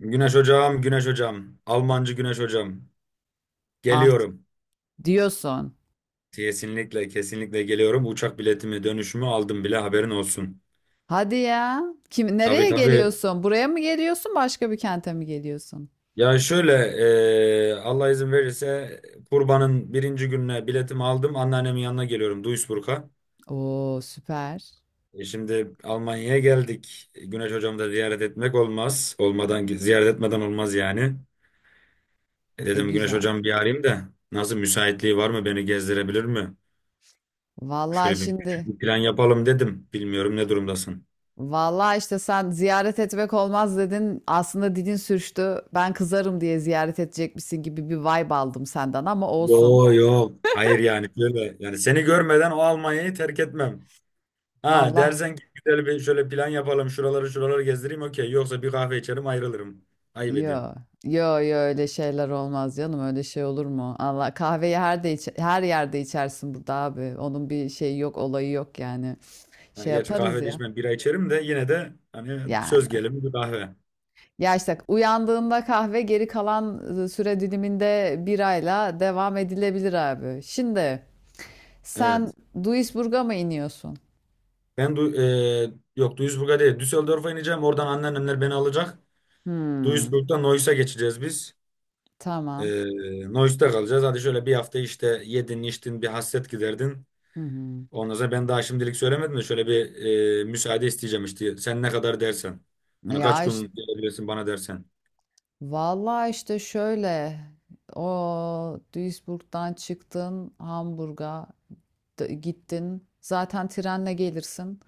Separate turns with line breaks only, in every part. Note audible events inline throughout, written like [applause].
Güneş hocam, Güneş hocam. Almancı Güneş hocam.
Ah
Geliyorum.
diyorsun.
Kesinlikle, kesinlikle geliyorum. Uçak biletimi, dönüşümü aldım bile, haberin olsun.
Hadi ya. Kim
Tabii
nereye
tabii.
geliyorsun? Buraya mı geliyorsun? Başka bir kente mi geliyorsun?
Ya şöyle, Allah izin verirse kurbanın birinci gününe biletimi aldım. Anneannemin yanına geliyorum Duisburg'a.
Oo süper.
E, şimdi Almanya'ya geldik. Güneş hocamı da ziyaret etmek olmaz. Olmadan, ziyaret etmeden olmaz yani. E,
E
dedim Güneş
güzel.
hocam bir arayayım da nasıl, müsaitliği var mı, beni gezdirebilir mi?
Vallahi
Şöyle bir küçük
şimdi
bir plan yapalım dedim. Bilmiyorum ne durumdasın.
vallahi işte sen ziyaret etmek olmaz dedin. Aslında dilin sürçtü. Ben kızarım diye ziyaret edecekmişsin gibi bir vibe aldım senden ama olsun.
Yo yo. Hayır, yani şöyle yani seni görmeden o Almanya'yı terk etmem. Ha,
Allah
dersen ki güzel bir şöyle plan yapalım, şuraları şuraları gezdireyim, okey. Yoksa bir kahve içerim, ayrılırım. Ayıp ediyorum.
yo, yo öyle şeyler olmaz canım, öyle şey olur mu? Allah kahveyi her yerde içersin burada abi. Onun bir şeyi yok, olayı yok yani.
Yani
Şey
gerçi
yaparız
kahve de
ya.
içmem, bira içerim, de yine de hani
Yani.
söz gelimi bir kahve.
Ya işte uyandığında kahve, geri kalan süre diliminde birayla devam edilebilir abi. Şimdi sen
Evet.
Duisburg'a mı iniyorsun?
Yok, Duisburg'a değil, Düsseldorf'a ineceğim. Oradan anneannemler beni alacak.
Hmm,
Duisburg'dan Neuss'a geçeceğiz biz.
tamam.
Ee, Nois'ta kalacağız. Hadi şöyle bir hafta işte yedin içtin, bir hasret giderdin.
Hı hı.
Ondan sonra ben daha şimdilik söylemedim de şöyle bir müsaade isteyeceğim işte. Sen ne kadar dersen. Hani kaç
Ya
gün
işte
gelebilirsin bana dersen.
vallahi işte şöyle o Duisburg'dan çıktın, Hamburg'a gittin, zaten trenle gelirsin.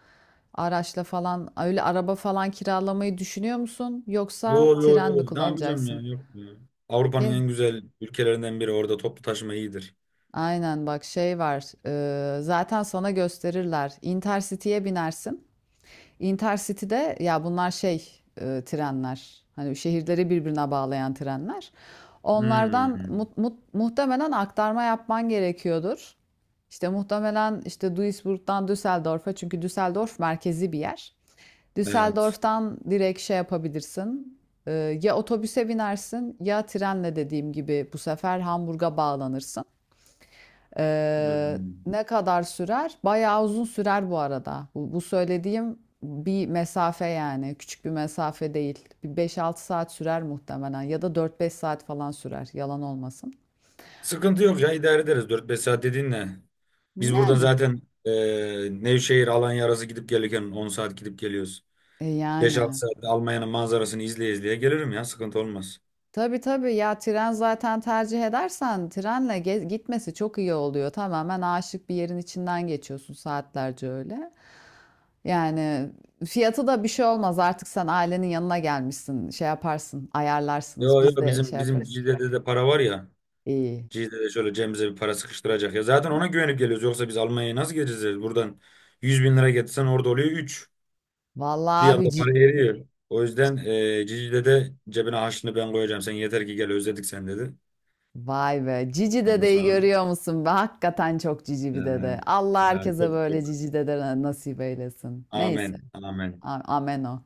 Araçla falan, öyle araba falan kiralamayı düşünüyor musun,
Yo
yoksa
yo
tren mi
yo, ne yapacağım ya,
kullanacaksın?
yok ya. Avrupa'nın
Ge-
en güzel ülkelerinden biri, orada toplu taşıma iyidir.
Aynen, bak şey var, zaten sana gösterirler, Intercity'ye binersin. Intercity'de ya bunlar şey, trenler. Hani şehirleri birbirine bağlayan trenler. Onlardan
Hmm,
muhtemelen aktarma yapman gerekiyordur. İşte muhtemelen işte Duisburg'dan Düsseldorf'a, çünkü Düsseldorf merkezi bir yer.
evet.
Düsseldorf'tan direkt şey yapabilirsin. E, ya otobüse binersin, ya trenle dediğim gibi bu sefer Hamburg'a bağlanırsın. Ee,
Hmm.
ne kadar sürer? Bayağı uzun sürer bu arada. Bu söylediğim bir mesafe yani. Küçük bir mesafe değil. Bir 5-6 saat sürer muhtemelen. Ya da 4-5 saat falan sürer. Yalan olmasın.
Sıkıntı yok ya, idare ederiz. 4-5 saat dediğin ne? Biz buradan
Yani.
zaten Nevşehir Alanya arası gidip gelirken 10 saat gidip geliyoruz.
E
5-6
yani.
saatte Almanya'nın manzarasını izleye izleye gelirim ya. Sıkıntı olmaz.
Tabii tabii, ya tren zaten, tercih edersen trenle gitmesi çok iyi oluyor. Tamamen aşık bir yerin içinden geçiyorsun saatlerce öyle. Yani fiyatı da bir şey olmaz. Artık sen ailenin yanına gelmişsin. Şey yaparsın, ayarlarsınız.
Yo
Biz
yo,
de şey
bizim
yaparız.
Cizre'de de para var ya.
İyi.
Cizre'de şöyle cebimize bir para sıkıştıracak ya. Zaten ona güvenip geliyoruz. Yoksa biz Almanya'ya nasıl geleceğiz? Yani buradan 100 bin lira getirsen orada oluyor üç...
Vallahi
Bir
abi,
anda para eriyor. O yüzden Cizre'de cebine harçlığını ben koyacağım. Sen yeter ki gel, özledik, sen dedi.
vay be. Cici
Ondan
dedeyi
sonra.
görüyor musun be? Hakikaten çok cici bir
Ya,
dede. Allah
ya
herkese
çok
böyle
çok.
cici dede nasip eylesin. Neyse.
Amen. Amen.
Amen o.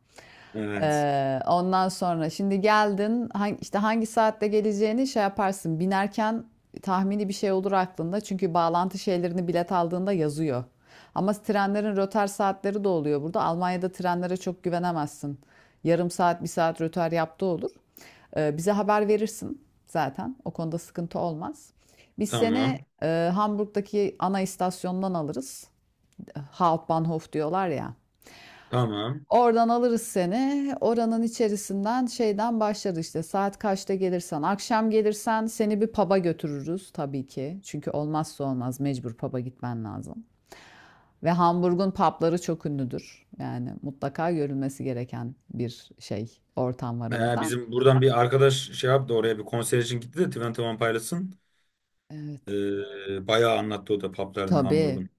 Evet.
Ondan sonra şimdi geldin, işte hangi saatte geleceğini şey yaparsın binerken, tahmini bir şey olur aklında çünkü bağlantı şeylerini bilet aldığında yazıyor. Ama trenlerin rötar saatleri de oluyor burada. Almanya'da trenlere çok güvenemezsin. Yarım saat, bir saat rötar yaptığı olur. Bize haber verirsin zaten. O konuda sıkıntı olmaz. Biz seni
Tamam.
Hamburg'daki ana istasyondan alırız. Hauptbahnhof diyorlar ya.
Tamam.
Oradan alırız seni. Oranın içerisinden şeyden başlarız işte. Saat kaçta gelirsen, akşam gelirsen seni bir pub'a götürürüz tabii ki. Çünkü olmazsa olmaz, mecbur pub'a gitmen lazım. Ve Hamburg'un pub'ları çok ünlüdür. Yani mutlaka görülmesi gereken bir şey, ortam var
Ee,
orada.
bizim buradan bir arkadaş şey yaptı, oraya bir konser için gitti de, Twenty One Pilots'ın.
Evet.
Bayağı anlattı o da paplarını
Tabii.
Hamburg'un.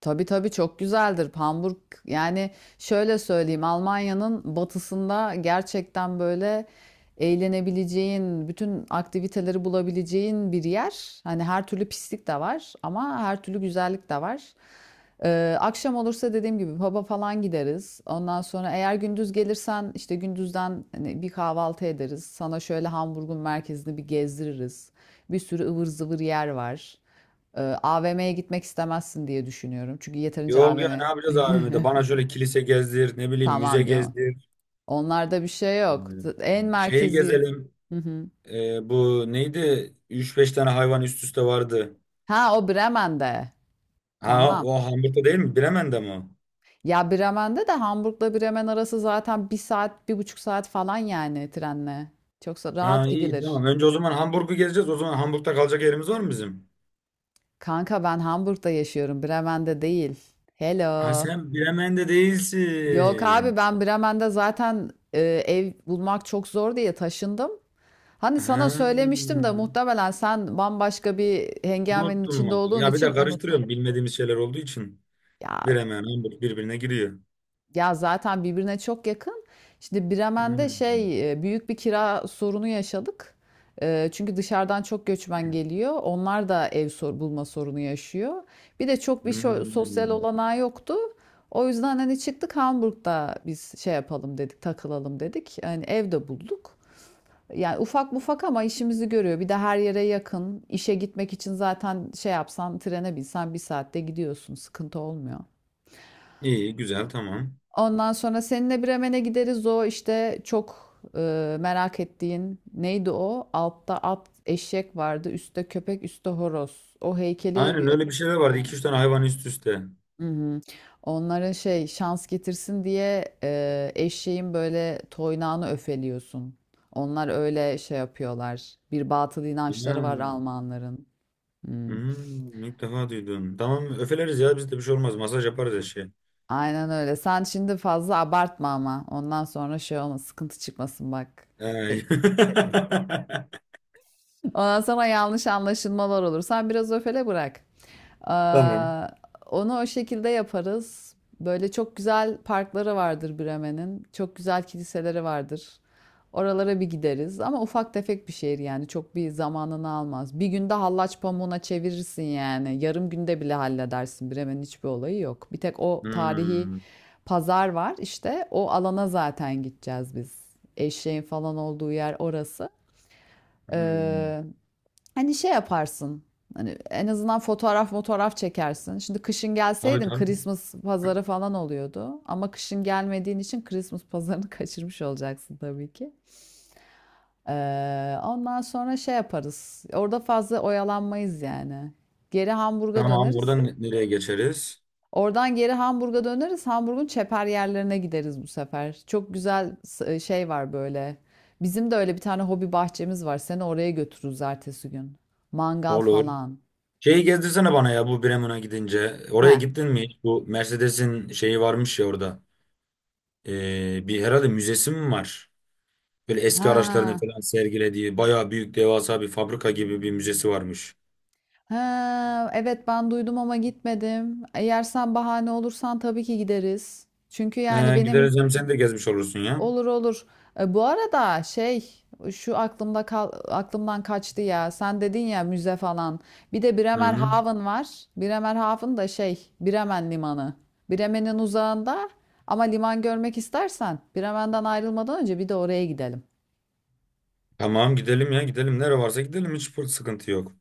Tabii tabii çok güzeldir. Hamburg yani şöyle söyleyeyim, Almanya'nın batısında gerçekten böyle eğlenebileceğin, bütün aktiviteleri bulabileceğin bir yer. Hani her türlü pislik de var ama her türlü güzellik de var. Akşam olursa dediğim gibi pub'a falan gideriz. Ondan sonra eğer gündüz gelirsen işte gündüzden hani bir kahvaltı ederiz. Sana şöyle Hamburg'un merkezini bir gezdiririz. Bir sürü ıvır zıvır yer var. AVM'ye gitmek istemezsin diye düşünüyorum. Çünkü yeterince
Yok ya,
AVM.
ne yapacağız
[laughs]
AVM'de? Bana şöyle kilise gezdir, ne bileyim müze
Tamam canım.
gezdir.
Onlarda bir şey
Ee,
yok. En
şeyi
merkezi.
gezelim.
Hı hı.
Bu neydi? Üç beş tane hayvan üst üste vardı.
Ha, o Bremen'de.
Ha,
Tamam.
o Hamburg'da değil mi? Bremen'de mi o?
Ya Bremen'de de Hamburg'la Bremen arası zaten bir saat, bir buçuk saat falan, yani trenle. Çok
Ha
rahat
iyi,
gidilir.
tamam. Önce o zaman Hamburg'u gezeceğiz. O zaman Hamburg'da kalacak yerimiz var mı bizim?
Kanka ben Hamburg'da yaşıyorum, Bremen'de değil.
Ha,
Hello.
sen Bremen'de
Yok abi,
değilsin.
ben Bremen'de zaten ev bulmak çok zor diye taşındım. Hani sana
Ha.
söylemiştim de muhtemelen sen bambaşka bir hengamenin
Unuttum
içinde
vallahi.
olduğun
Ya bir
için
de
unuttun.
karıştırıyorum bilmediğimiz şeyler olduğu için.
Ya,
Bir hemen Hamburg birbirine giriyor.
ya zaten birbirine çok yakın. Şimdi Bremen'de
Hmm.
şey, büyük bir kira sorunu yaşadık. Çünkü dışarıdan çok göçmen geliyor. Onlar da ev bulma sorunu yaşıyor. Bir de çok bir sosyal
Hmm.
olanağı yoktu. O yüzden hani çıktık, Hamburg'da biz şey yapalım dedik, takılalım dedik. Hani evde bulduk. Yani ufak mufak ama işimizi görüyor. Bir de her yere yakın. İşe gitmek için zaten şey yapsan, trene binsen bir saatte gidiyorsun. Sıkıntı olmuyor.
İyi, güzel, tamam.
Ondan sonra seninle Bremen'e gideriz. O işte çok merak ettiğin neydi o? Altta at, eşek vardı. Üstte köpek, üstte horoz. O heykeli
Aynen,
bir...
öyle bir şeyler vardı. İki
Aynen.
üç tane hayvan üst üste.
Hı hı. Onlara şey, şans getirsin diye eşeğin böyle toynağını öfeliyorsun. Onlar öyle şey yapıyorlar. Bir batıl inançları var
Ha.
Almanların. Hmm.
Hmm, ilk defa duydum. Tamam, öfeleriz ya, bizde bir şey olmaz. Masaj yaparız eşeğe.
Aynen öyle. Sen şimdi fazla abartma ama. Ondan sonra şey olma, sıkıntı çıkmasın bak. E,
Ee, [laughs]
Ondan sonra yanlış anlaşılmalar olur. Sen biraz öfele, bırak.
Tamam.
Ee, onu o şekilde yaparız. Böyle çok güzel parkları vardır Bremen'in. Çok güzel kiliseleri vardır. Oralara bir gideriz. Ama ufak tefek bir şehir yani. Çok bir zamanını almaz. Bir günde hallaç pamuğuna çevirirsin yani. Yarım günde bile halledersin. Bremen'in hiçbir olayı yok. Bir tek o tarihi
Hmm.
pazar var işte. O alana zaten gideceğiz biz. Eşeğin falan olduğu yer orası.
Hmm.
Ee, Hani şey yaparsın. Hani en azından fotoğraf çekersin. Şimdi kışın
Tabii
gelseydin
tabii.
Christmas pazarı falan oluyordu. Ama kışın gelmediğin için Christmas pazarını [laughs] kaçırmış olacaksın tabii ki. Ondan sonra şey yaparız. Orada fazla oyalanmayız yani. Geri Hamburg'a
Tamam,
döneriz.
oradan nereye geçeriz?
Oradan geri Hamburg'a döneriz. Hamburg'un çeper yerlerine gideriz bu sefer. Çok güzel şey var böyle. Bizim de öyle bir tane hobi bahçemiz var. Seni oraya götürürüz ertesi gün. Mangal
Olur.
falan.
Şeyi gezdirsene bana ya bu Bremen'a gidince. Oraya
Heh.
gittin mi hiç? Bu Mercedes'in şeyi varmış ya orada. Bir herhalde müzesi mi var? Böyle eski araçlarını
Ha.
falan sergilediği bayağı büyük devasa bir fabrika gibi bir müzesi
Hımm.
varmış.
Ha, evet ben duydum ama gitmedim. Eğer sen bahane olursan tabii ki gideriz. Çünkü yani
Ee,
benim
gideriz hem sen de gezmiş olursun ya.
olur olur. E, bu arada şey, şu aklımdan kaçtı ya. Sen dedin ya müze falan. Bir de
Hı hı.
Bremerhaven var. Bremerhaven da şey, Bremen limanı. Bremen'in uzağında ama liman görmek istersen, Bremen'den ayrılmadan önce bir de oraya gidelim.
Tamam, gidelim ya gidelim. Nere varsa gidelim, hiç sıkıntı yok.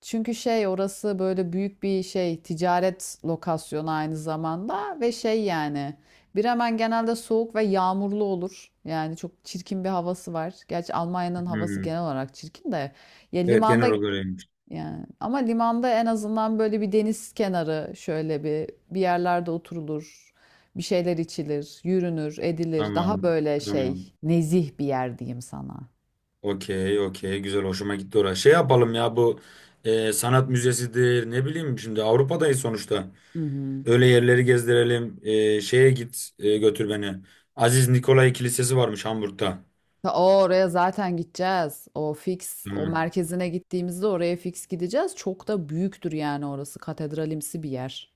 Çünkü şey, orası böyle büyük bir şey ticaret lokasyonu aynı zamanda ve şey yani Bremen genelde soğuk ve yağmurlu olur. Yani çok çirkin bir havası var. Gerçi Almanya'nın havası
Hmm.
genel olarak çirkin de, ya
Evet, genel
limanda,
olarak öyleymiş.
yani ama limanda en azından böyle bir deniz kenarı, şöyle bir yerlerde oturulur. Bir şeyler içilir, yürünür, edilir. Daha
Tamam.
böyle
Tamam.
şey, nezih bir yer diyeyim sana.
Okey okey, güzel, hoşuma gitti orası. Şey yapalım ya bu sanat müzesidir, ne bileyim, şimdi Avrupa'dayız sonuçta.
Hı hı.
Öyle yerleri gezdirelim. Götür beni. Aziz Nikolay Kilisesi varmış Hamburg'da.
O oraya zaten gideceğiz. O fix, o
Hı.
merkezine gittiğimizde oraya fix gideceğiz. Çok da büyüktür yani orası. Katedralimsi bir yer.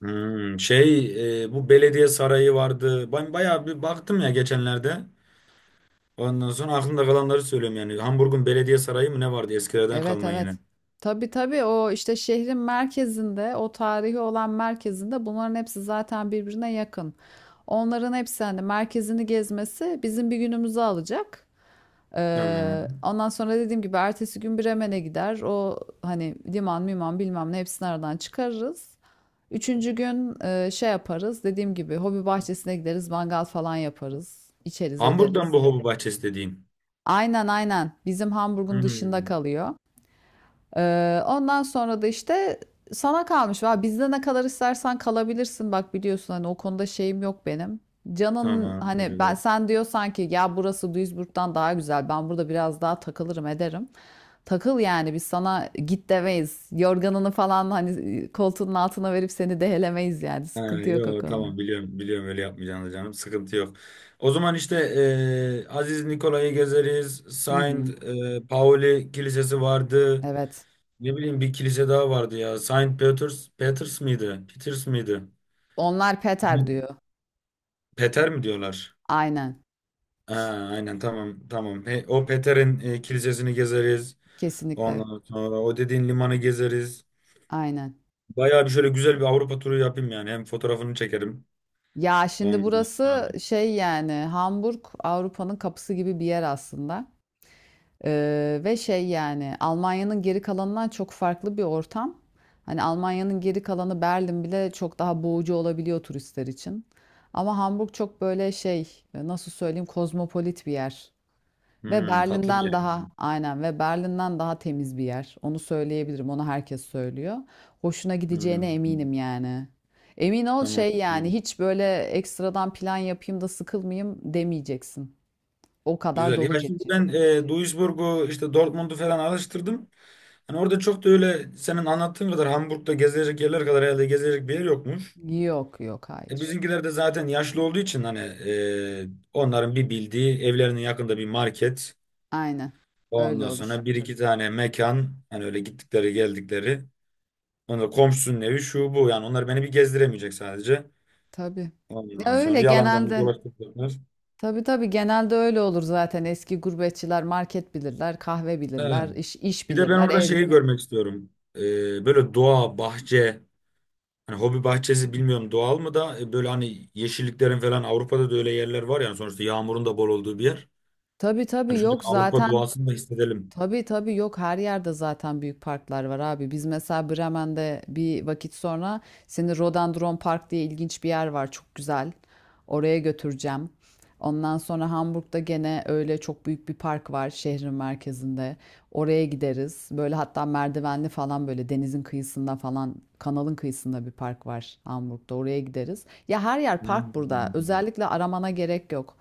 Hmm, şey, bu belediye sarayı vardı. Ben bayağı bir baktım ya geçenlerde. Ondan sonra aklımda kalanları söylüyorum yani. Hamburg'un belediye sarayı mı ne vardı eskilerden
Evet
kalma
evet.
yine.
Tabii tabii, o işte şehrin merkezinde, o tarihi olan merkezinde bunların hepsi zaten birbirine yakın. Onların hepsi, hani merkezini gezmesi bizim bir günümüzü alacak.
Tamam.
Ondan sonra dediğim gibi ertesi gün Bremen'e gider. O hani liman, miman bilmem ne hepsini aradan çıkarırız. Üçüncü gün şey yaparız. Dediğim gibi hobi bahçesine gideriz. Mangal falan yaparız. İçeriz
Hamburg'dan
ederiz.
bu hobi bahçesi dediğin.
Aynen aynen. Bizim Hamburg'un dışında
Hmm.
kalıyor. Ondan sonra da işte sana kalmış. Va bizde ne kadar istersen kalabilirsin. Bak biliyorsun hani o konuda şeyim yok benim. Canın
Tamam. Teşekkür
hani ben
ederim.
sen diyor sanki ya, burası Duisburg'dan daha güzel. Ben burada biraz daha takılırım ederim. Takıl yani, biz sana git demeyiz. Yorganını falan hani koltuğunun altına verip seni dehelemeyiz yani.
Ha,
Sıkıntı yok o
yo,
konuda.
tamam, biliyorum, biliyorum öyle yapmayacağını canım, sıkıntı yok. O zaman işte Aziz Nikola'yı gezeriz.
Hı hı.
Saint Pauli Kilisesi vardı.
Evet.
Ne bileyim, bir kilise daha vardı ya. Saint Peters miydi? Peters miydi?
Onlar Peter diyor.
Peter mi diyorlar?
Aynen.
Ha, aynen, tamam tamam. He, o Peter'in kilisesini gezeriz.
Kesinlikle.
Ondan sonra o dediğin limanı gezeriz.
Aynen.
Bayağı bir şöyle güzel bir Avrupa turu yapayım yani. Hem fotoğrafını çekerim.
Ya şimdi
Ondan sonra-
burası şey yani, Hamburg Avrupa'nın kapısı gibi bir yer aslında. Ve şey yani Almanya'nın geri kalanından çok farklı bir ortam. Hani Almanya'nın geri kalanı, Berlin bile çok daha boğucu olabiliyor turistler için. Ama Hamburg çok böyle şey, nasıl söyleyeyim, kozmopolit bir yer. Ve
Hmm, tatlı bir
Berlin'den
yer.
daha aynen, ve Berlin'den daha temiz bir yer. Onu söyleyebilirim. Onu herkes söylüyor. Hoşuna gideceğine
Hmm.
eminim yani. Emin ol
Tamam.
şey yani,
Tamam.
hiç böyle ekstradan plan yapayım da sıkılmayayım demeyeceksin. O kadar
Güzel.
dolu
Ya şimdi
geçecek.
ben Duisburg'u işte Dortmund'u falan araştırdım. Hani orada çok da öyle senin anlattığın kadar Hamburg'da gezilecek yerler kadar herhalde gezilecek bir yer yokmuş.
Yok yok,
E,
hayır.
bizimkiler de zaten yaşlı olduğu için hani onların bir bildiği evlerinin yakında bir market.
Aynen. Öyle
Ondan
olur.
sonra bir iki tane mekan hani öyle gittikleri geldikleri. Ondan komşusunun evi şu bu, yani onlar beni bir gezdiremeyecek sadece.
Tabii. Ya
Ondan sonra
öyle
yalandan bir
genelde.
dolaştıracaklar.
Tabii tabii genelde öyle olur zaten. Eski gurbetçiler market bilirler, kahve
Evet.
bilirler, iş
Bir de ben
bilirler,
orada
ev
şeyi
bilirler.
görmek istiyorum. Böyle doğa, bahçe, hani hobi bahçesi, bilmiyorum doğal mı da böyle hani yeşilliklerin falan, Avrupa'da da öyle yerler var yani sonuçta, yağmurun da bol olduğu bir yer.
Tabii
Hani
tabii
şöyle bir
yok
Avrupa
zaten
doğasını da hissedelim.
Tabii tabii yok, her yerde zaten büyük parklar var abi. Biz mesela Bremen'de bir vakit sonra seni Rhododendron Park diye, ilginç bir yer var çok güzel. Oraya götüreceğim. Ondan sonra Hamburg'da gene öyle çok büyük bir park var şehrin merkezinde. Oraya gideriz. Böyle hatta merdivenli falan, böyle denizin kıyısında falan, kanalın kıyısında bir park var Hamburg'da. Oraya gideriz. Ya her yer park burada.
Hmm.
Özellikle aramana gerek yok.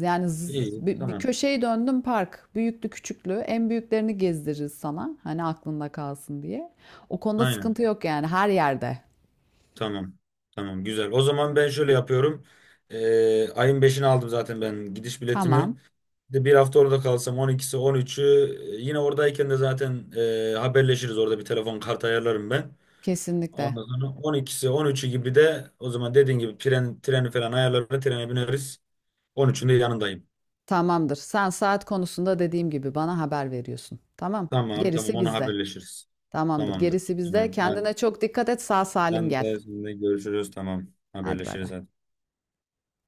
Yani
İyi,
bir
tamam.
köşeyi döndüm park. Büyüklü küçüklü. En büyüklerini gezdiririz sana. Hani aklında kalsın diye. O konuda
Aynen.
sıkıntı yok yani her yerde.
Tamam. Tamam, güzel. O zaman ben şöyle yapıyorum. Ayın beşini aldım zaten ben, gidiş biletimi.
Tamam.
Bir de bir hafta orada kalsam 12'si 13'ü, yine oradayken de zaten haberleşiriz, orada bir telefon kart ayarlarım ben.
Kesinlikle.
Ondan sonra 12'si 13'ü gibi de, o zaman dediğin gibi tren, treni falan ayarlarız. Trene bineriz. 13'ünde yanındayım.
Tamamdır. Sen saat konusunda dediğim gibi bana haber veriyorsun. Tamam.
Tamam tamam,
Gerisi
onu
bizde.
haberleşiriz.
Tamamdır.
Tamamdır.
Gerisi bizde.
Tamam hadi.
Kendine çok dikkat et. Sağ salim
Ben
gel.
de sizinle görüşürüz. Tamam,
Hadi bay
haberleşiriz
bay.
hadi.